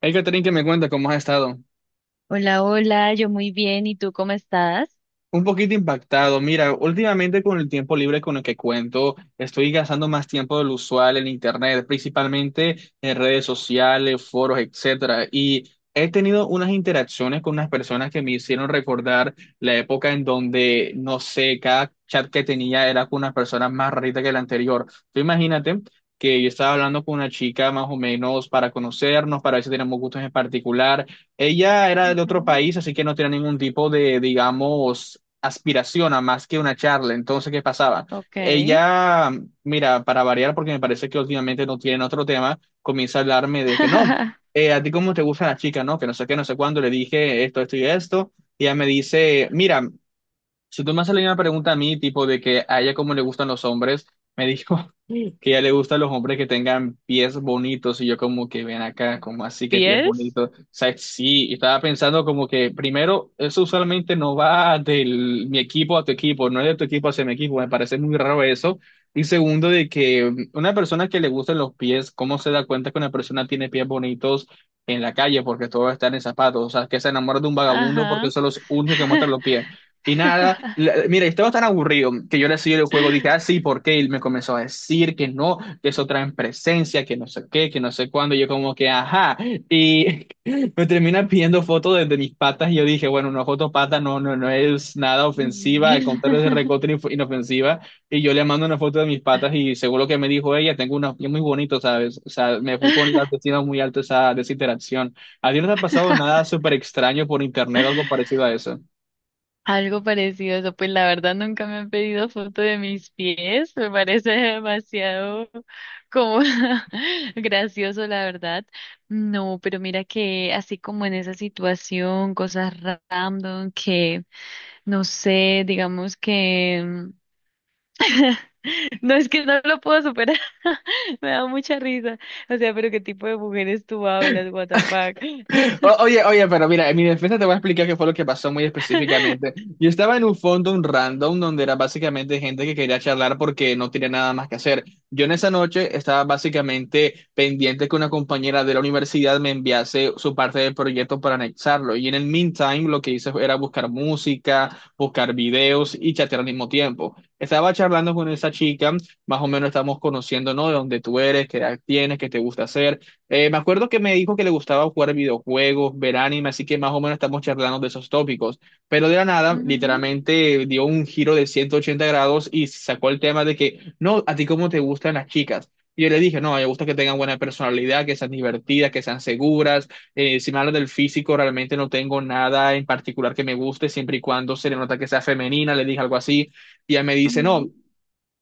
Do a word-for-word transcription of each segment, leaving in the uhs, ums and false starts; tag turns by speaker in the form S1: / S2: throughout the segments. S1: Hey que que me cuenta cómo has estado.
S2: Hola, hola, yo muy bien, ¿y tú cómo estás?
S1: Un poquito impactado. Mira, últimamente con el tiempo libre con el que cuento, estoy gastando más tiempo del usual en internet, principalmente en redes sociales, foros, etcétera. Y he tenido unas interacciones con unas personas que me hicieron recordar la época en donde, no sé, cada chat que tenía era con una persona más rarita que la anterior. Tú imagínate que yo estaba hablando con una chica más o menos para conocernos, para ver si tenemos gustos en particular. Ella era de
S2: Ujú.
S1: otro país, así que no tenía ningún tipo de, digamos, aspiración a más que una charla. Entonces, ¿qué pasaba?
S2: Ok.
S1: Ella, mira, para variar, porque me parece que últimamente no tienen otro tema, comienza a hablarme de que no, eh, a ti cómo te gusta la chica, ¿no? Que no sé qué, no sé cuándo, le dije esto, esto y esto, y ella me dice, mira, si tú me haces la misma pregunta a mí, tipo de que a ella cómo le gustan los hombres, me dijo, que ya le gustan los hombres que tengan pies bonitos y yo como que ven acá, como así que pies
S2: ¿Pies?
S1: bonitos. O sea, sí, y estaba pensando como que primero, eso usualmente no va del mi equipo a tu equipo, no es de tu equipo hacia mi equipo, me parece muy raro eso. Y segundo, de que una persona que le gustan los pies, ¿cómo se da cuenta que una persona tiene pies bonitos en la calle porque todo está en zapatos? O sea, que se enamora de un vagabundo porque
S2: Ajá.
S1: son los únicos que muestran los pies. Y nada, la- mira, estaba tan aburrido que yo le seguí el juego, dije, ah, sí, ¿por qué? Y me comenzó a decir que no, que eso trae presencia, que no sé qué, que no sé cuándo, y yo como que, ajá, y me termina pidiendo fotos de, de mis patas, y yo dije, bueno, una foto pata no, no, no es nada ofensiva, al contrario es de recontra inf- inofensiva, y yo le mando una foto de mis patas, y según lo que me dijo ella, tengo unos pies muy bonitos, ¿sabes? O sea, me fui con la autoestima muy alta esa, de esa interacción. ¿A ti no te ha pasado nada súper extraño por internet o algo parecido a eso?
S2: Algo parecido a eso, pues la verdad nunca me han pedido foto de mis pies, me parece demasiado como gracioso, la verdad. No, pero mira que así como en esa situación, cosas random que no sé, digamos que... mm, no es que no lo puedo superar. Me da mucha risa. O sea, pero ¿qué tipo de mujeres tú hablas, what the fuck?
S1: O- Oye, oye, pero mira, en mi defensa te voy a explicar qué fue lo que pasó muy específicamente. Yo estaba en un fondo, un random, donde era básicamente gente que quería charlar porque no tenía nada más que hacer. Yo en esa noche estaba básicamente pendiente que una compañera de la universidad me enviase su parte del proyecto para anexarlo. Y en el meantime, lo que hice era buscar música, buscar videos y chatear al mismo tiempo. Estaba charlando con esa chica, más o menos estamos conociendo, ¿no? De dónde tú eres, qué edad tienes, qué te gusta hacer. Eh, me acuerdo que me dijo que le gustaba jugar videojuegos, ver anime, así que más o menos estamos charlando de esos tópicos. Pero de la nada,
S2: Ujú,
S1: literalmente dio un giro de ciento ochenta grados y sacó el tema de que, no, ¿a ti cómo te gustan las chicas? Y yo le dije, no, me gusta que tengan buena personalidad, que sean divertidas, que sean seguras. Eh, si me hablas del físico, realmente no tengo nada en particular que me guste, siempre y cuando se le nota que sea femenina, le dije algo así. Y ella me dice, no,
S2: ujú.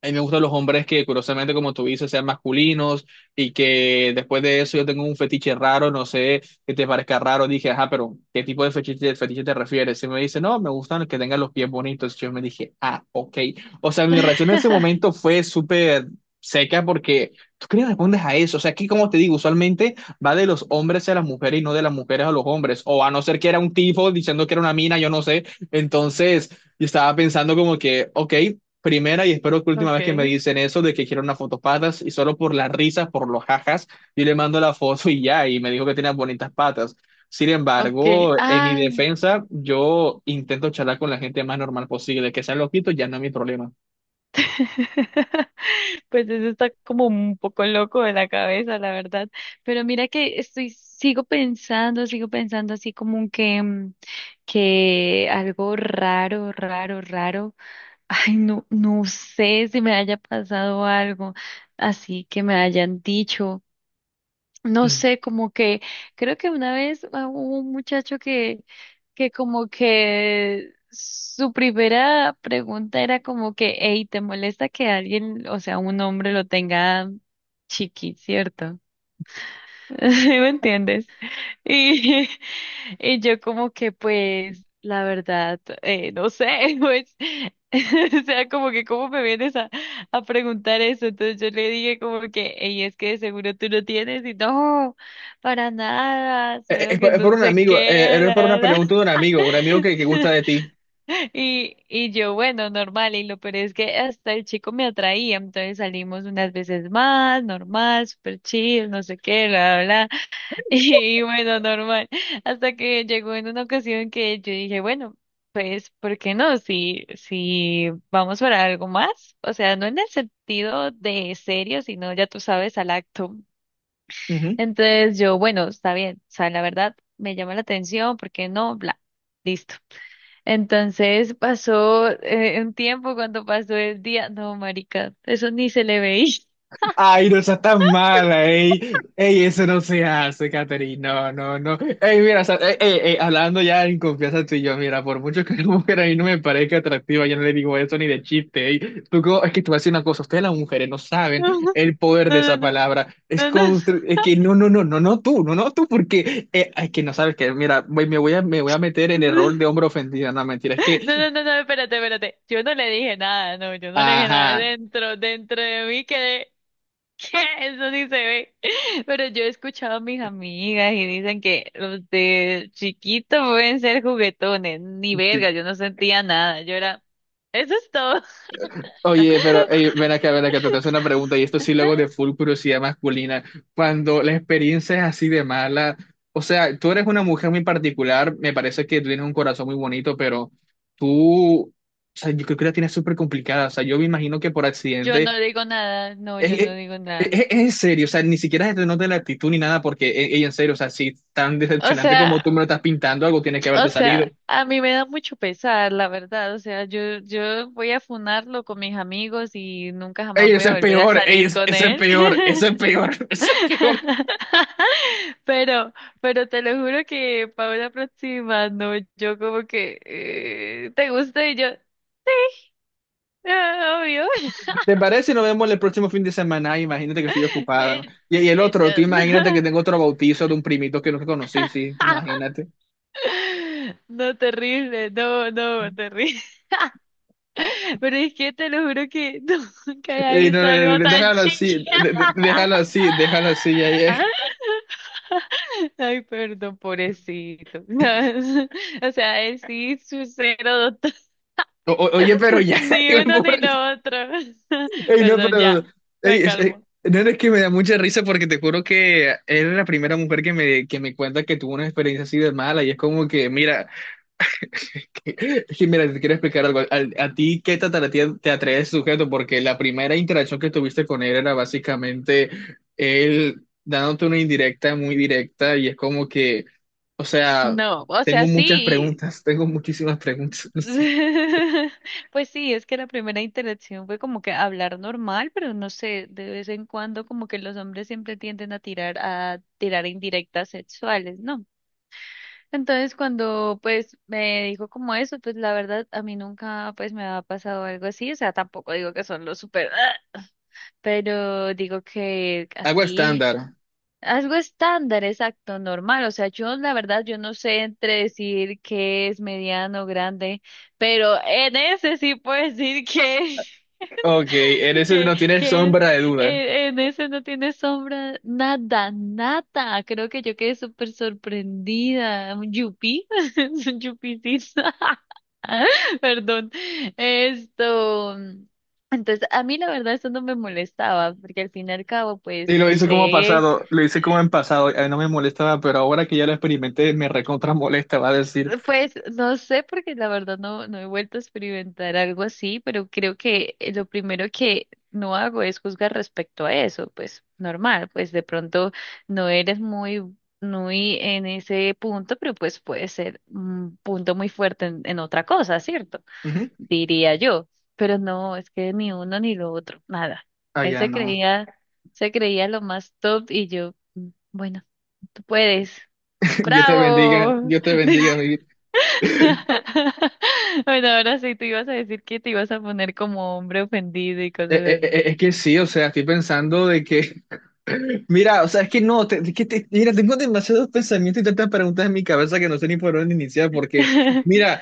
S1: a mí me gustan los hombres que, curiosamente, como tú dices, sean masculinos y que después de eso yo tengo un fetiche raro, no sé, que te parezca raro. Dije, ajá, pero ¿qué tipo de fetiche, fetiche te refieres? Y me dice, no, me gustan que tengan los pies bonitos. Yo me dije, ah, ok. O sea, mi reacción en ese momento fue súper seca porque tú qué le respondes a eso. O sea, aquí, como te digo, usualmente va de los hombres a las mujeres y no de las mujeres a los hombres. O a no ser que era un tipo diciendo que era una mina, yo no sé. Entonces. Y estaba pensando como que, ok, primera y espero que última vez que me
S2: Okay,
S1: dicen eso de que quiero unas fotos patas y solo por las risas, por los jajas, yo le mando la foto y ya, y me dijo que tenía bonitas patas. Sin
S2: okay.
S1: embargo, en mi
S2: Ah.
S1: defensa, yo intento charlar con la gente más normal posible, que sean loquitos ya no es mi problema.
S2: Pues eso está como un poco loco de la cabeza, la verdad. Pero mira que estoy, sigo pensando, sigo pensando así como que, mm, que algo raro, raro, raro. Ay, no, no sé si me haya pasado algo así que me hayan dicho. No
S1: Mm.
S2: sé, como que creo que una vez ah, hubo un muchacho que, que como que su primera pregunta era como que, hey, ¿te molesta que alguien, o sea, un hombre lo tenga chiqui, cierto? ¿Sí me entiendes? Y y yo como que pues, la verdad, eh, no sé, pues, o sea, como que cómo me vienes a, a preguntar eso. Entonces yo le dije como que, y es que de seguro tú no tienes, y no, para nada,
S1: Eh, eh,
S2: solo
S1: es,
S2: que
S1: por es
S2: no
S1: por un
S2: sé
S1: amigo,
S2: qué,
S1: eh, es por
S2: la,
S1: una
S2: la. la.
S1: pregunta de un amigo, un amigo que, que gusta de ti.
S2: Y y yo, bueno, normal, y lo peor es que hasta el chico me atraía, entonces salimos unas veces más, normal, super chill, no sé qué, bla, bla, bla. Y bueno, normal. Hasta que llegó en una ocasión que yo dije, bueno, pues, ¿por qué no? Si, si vamos para algo más, o sea, no en el sentido de serio, sino ya tú sabes, al acto. Entonces yo, bueno, está bien, o sea, la verdad me llama la atención, ¿por qué no? Bla, listo. Entonces pasó eh, un tiempo cuando pasó el día, no, marica, eso ni se le veía.
S1: Ay, no seas tan mala, ey. Ey, eso no se hace, Catherine. No, no, no. Ey, mira, o sea, ey, ey, ey, hablando ya en confianza tú y yo, mira, por mucho que la mujer a mí no me parezca atractiva, yo no le digo eso ni de chiste, ey. Tú, co- es que te voy a decir una cosa, ustedes las mujeres no saben
S2: No, no,
S1: el poder de
S2: no,
S1: esa palabra. Es,
S2: no,
S1: con
S2: no,
S1: usted- es que no, no, no, no, no tú, no, no tú, porque eh, es que no sabes que, mira, voy- me voy a, me voy a meter en el
S2: no.
S1: rol de hombre ofendido, no, mentira, es
S2: No,
S1: que,
S2: no, no, no, espérate, espérate. Yo no le dije nada, no, yo no le dije nada.
S1: ajá.
S2: Dentro, dentro de mí quedé, ¿qué? Eso sí se ve. Pero yo he escuchado a mis amigas y dicen que los de chiquito pueden ser juguetones. Ni verga, yo no sentía nada. Yo era, eso es todo.
S1: Oye, pero eh, ven acá, ven acá, te te hace una pregunta, y esto sí luego de full curiosidad masculina. Cuando la experiencia es así de mala, o sea, tú eres una mujer muy particular, me parece que tú tienes un corazón muy bonito, pero tú, o sea, yo creo que la tienes súper complicada, o sea, yo me imagino que por
S2: Yo no
S1: accidente,
S2: digo nada, no,
S1: es,
S2: yo
S1: es,
S2: no digo nada.
S1: es- es en serio, o sea, ni siquiera se te nota la actitud ni nada, porque, eh, eh, en serio, o sea, si tan
S2: O
S1: decepcionante como tú
S2: sea,
S1: me lo estás pintando, algo tiene que
S2: o
S1: haberte salido.
S2: sea, a mí me da mucho pesar, la verdad. O sea, yo, yo voy a funarlo con mis amigos y nunca
S1: Ey,
S2: jamás voy
S1: ese
S2: a
S1: es
S2: volver a
S1: peor, ey,
S2: salir
S1: es-
S2: con
S1: ese es
S2: él.
S1: peor, ese es peor, ese es peor.
S2: Pero, pero te lo juro que para una próxima, no, yo como que eh, te gusta y yo, "Ah, obvio".
S1: ¿Te parece? Si nos vemos el próximo fin de semana. Ay, imagínate que estoy ocupada.
S2: Eh,
S1: Y, y el
S2: eh,
S1: otro, tú
S2: yo,
S1: imagínate que
S2: no.
S1: tengo otro bautizo de un primito que nunca conocí, sí, imagínate.
S2: No, terrible, no, no, terrible. Pero es que te lo juro que nunca había
S1: Y no,
S2: visto
S1: no, no,
S2: algo
S1: no,
S2: tan
S1: déjalo así, de- de-
S2: chiquita.
S1: déjalo así, déjalo así. Ya, ya.
S2: Ay, perdón, pobrecito. O sea, él sí, su cero.
S1: O- o- oye, pero ya,
S2: Ni
S1: el
S2: uno ni
S1: pobre-
S2: lo otro.
S1: ey, no,
S2: Perdón,
S1: pero...
S2: ya, me
S1: ey, es- eh,
S2: calmo.
S1: no, no, es que me da mucha risa porque te juro que eres la primera mujer que me, que me cuenta que tuvo una experiencia así de mala y es como que, mira, es mira, te quiero explicar algo. Al- ¿A ti qué te atrae, te atrae ese sujeto? Porque la primera interacción que tuviste con él era básicamente él dándote una indirecta muy directa y es como que, o sea,
S2: No, o
S1: tengo
S2: sea,
S1: muchas
S2: sí.
S1: preguntas, tengo muchísimas preguntas. No.
S2: Pues sí, es que la primera interacción fue como que hablar normal, pero no sé, de vez en cuando como que los hombres siempre tienden a tirar a tirar indirectas sexuales, ¿no? Entonces, cuando pues me dijo como eso, pues la verdad a mí nunca pues me ha pasado algo así, o sea, tampoco digo que son los super, pero digo que
S1: Algo
S2: así
S1: estándar.
S2: algo estándar, exacto, normal. O sea, yo la verdad, yo no sé entre decir que es mediano, grande, pero en ese sí puedo decir que,
S1: Ok, en ese
S2: que,
S1: no tiene
S2: que es,
S1: sombra de duda.
S2: eh, en ese no tiene sombra, nada, nada. Creo que yo quedé súper sorprendida. Un yupi, es un yupicito. Perdón. Esto. Entonces, a mí la verdad eso no me molestaba, porque al fin y al cabo, pues,
S1: Y lo
S2: no
S1: hice como
S2: sé.
S1: pasado, lo hice como en pasado, a mí no me molestaba, pero ahora que ya lo experimenté, me recontra molesta, va a decir.
S2: Pues no sé, porque la verdad no, no he vuelto a experimentar algo así, pero creo que eh, lo primero que no hago es juzgar respecto a eso, pues normal, pues de pronto no eres muy, muy en ese punto, pero pues puede ser un punto muy fuerte en, en otra cosa, ¿cierto?
S1: Ujú.
S2: Diría yo, pero no, es que ni uno ni lo otro, nada.
S1: Ah,
S2: Él
S1: ya
S2: se
S1: no.
S2: creía, se creía lo más top y yo, "Mm, bueno, tú puedes,
S1: Dios te bendiga,
S2: bravo".
S1: Dios te bendiga, mi vida.
S2: Bueno, ahora sí, tú ibas a decir que te ibas a poner como hombre ofendido y
S1: Eh, eh,
S2: cosas
S1: eh, eh, Es que sí, o sea, estoy pensando de que, mira, o sea, es que no, te- es que te- mira, tengo demasiados pensamientos y tantas preguntas en mi cabeza que no sé ni por dónde iniciar, porque,
S2: así.
S1: mira,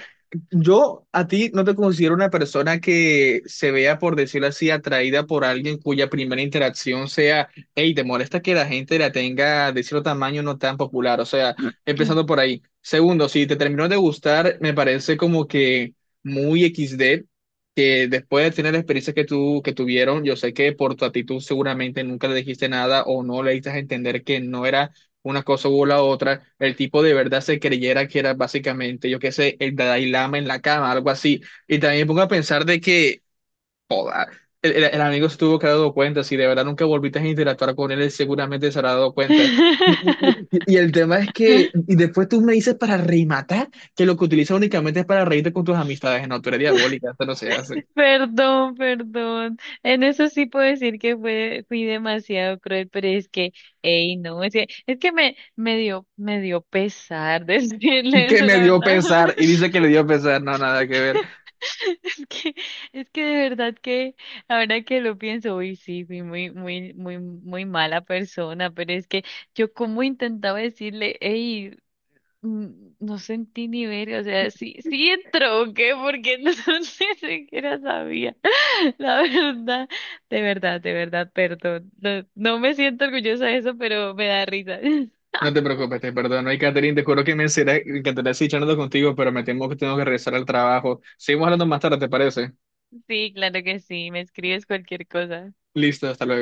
S1: yo a ti no te considero una persona que se vea, por decirlo así, atraída por alguien cuya primera interacción sea, hey, te molesta que la gente la tenga de cierto tamaño no tan popular, o sea, empezando por ahí. Segundo, si te terminó de gustar, me parece como que muy equis de que después de tener la experiencia que tú que tuvieron, yo sé que por tu actitud seguramente nunca le dijiste nada o no le diste a entender que no era una cosa u la otra, el tipo de verdad se creyera que era básicamente, yo qué sé, el Dalai Lama en la cama, algo así. Y también me pongo a pensar de que el, el- el amigo se tuvo que haber dado cuenta, si de verdad nunca volviste a interactuar con él, él seguramente se habrá dado cuenta. Y, y, y y el tema es que, y después tú me dices para rematar que lo que utilizas únicamente es para reírte con tus amistades, no, tú eres diabólica, esto no se hace.
S2: Perdón, perdón. En eso sí puedo decir que fue, fui demasiado cruel, pero es que, ey, no, es que, es que me, me dio, me dio pesar decirle
S1: Que
S2: eso,
S1: me
S2: la
S1: dio
S2: verdad.
S1: pesar y dice que le dio pesar, no, nada que ver.
S2: Es que, es que de verdad que ahora que lo pienso, uy, sí, fui muy, muy, muy, muy mala persona, pero es que yo como intentaba decirle, hey, no sentí ni ver, o sea, sí, sí entró, ¿o qué? Porque no, ni siquiera sabía, la verdad, de verdad, de verdad, perdón, no, no me siento orgullosa de eso, pero me da risa.
S1: No te preocupes, te perdono. Y Catherine, te juro que me encantaría encantará seguir charlando contigo, pero me temo que tengo que regresar al trabajo. Seguimos hablando más tarde, ¿te parece?
S2: Sí, claro que sí, me escribes cualquier cosa.
S1: Listo, hasta luego.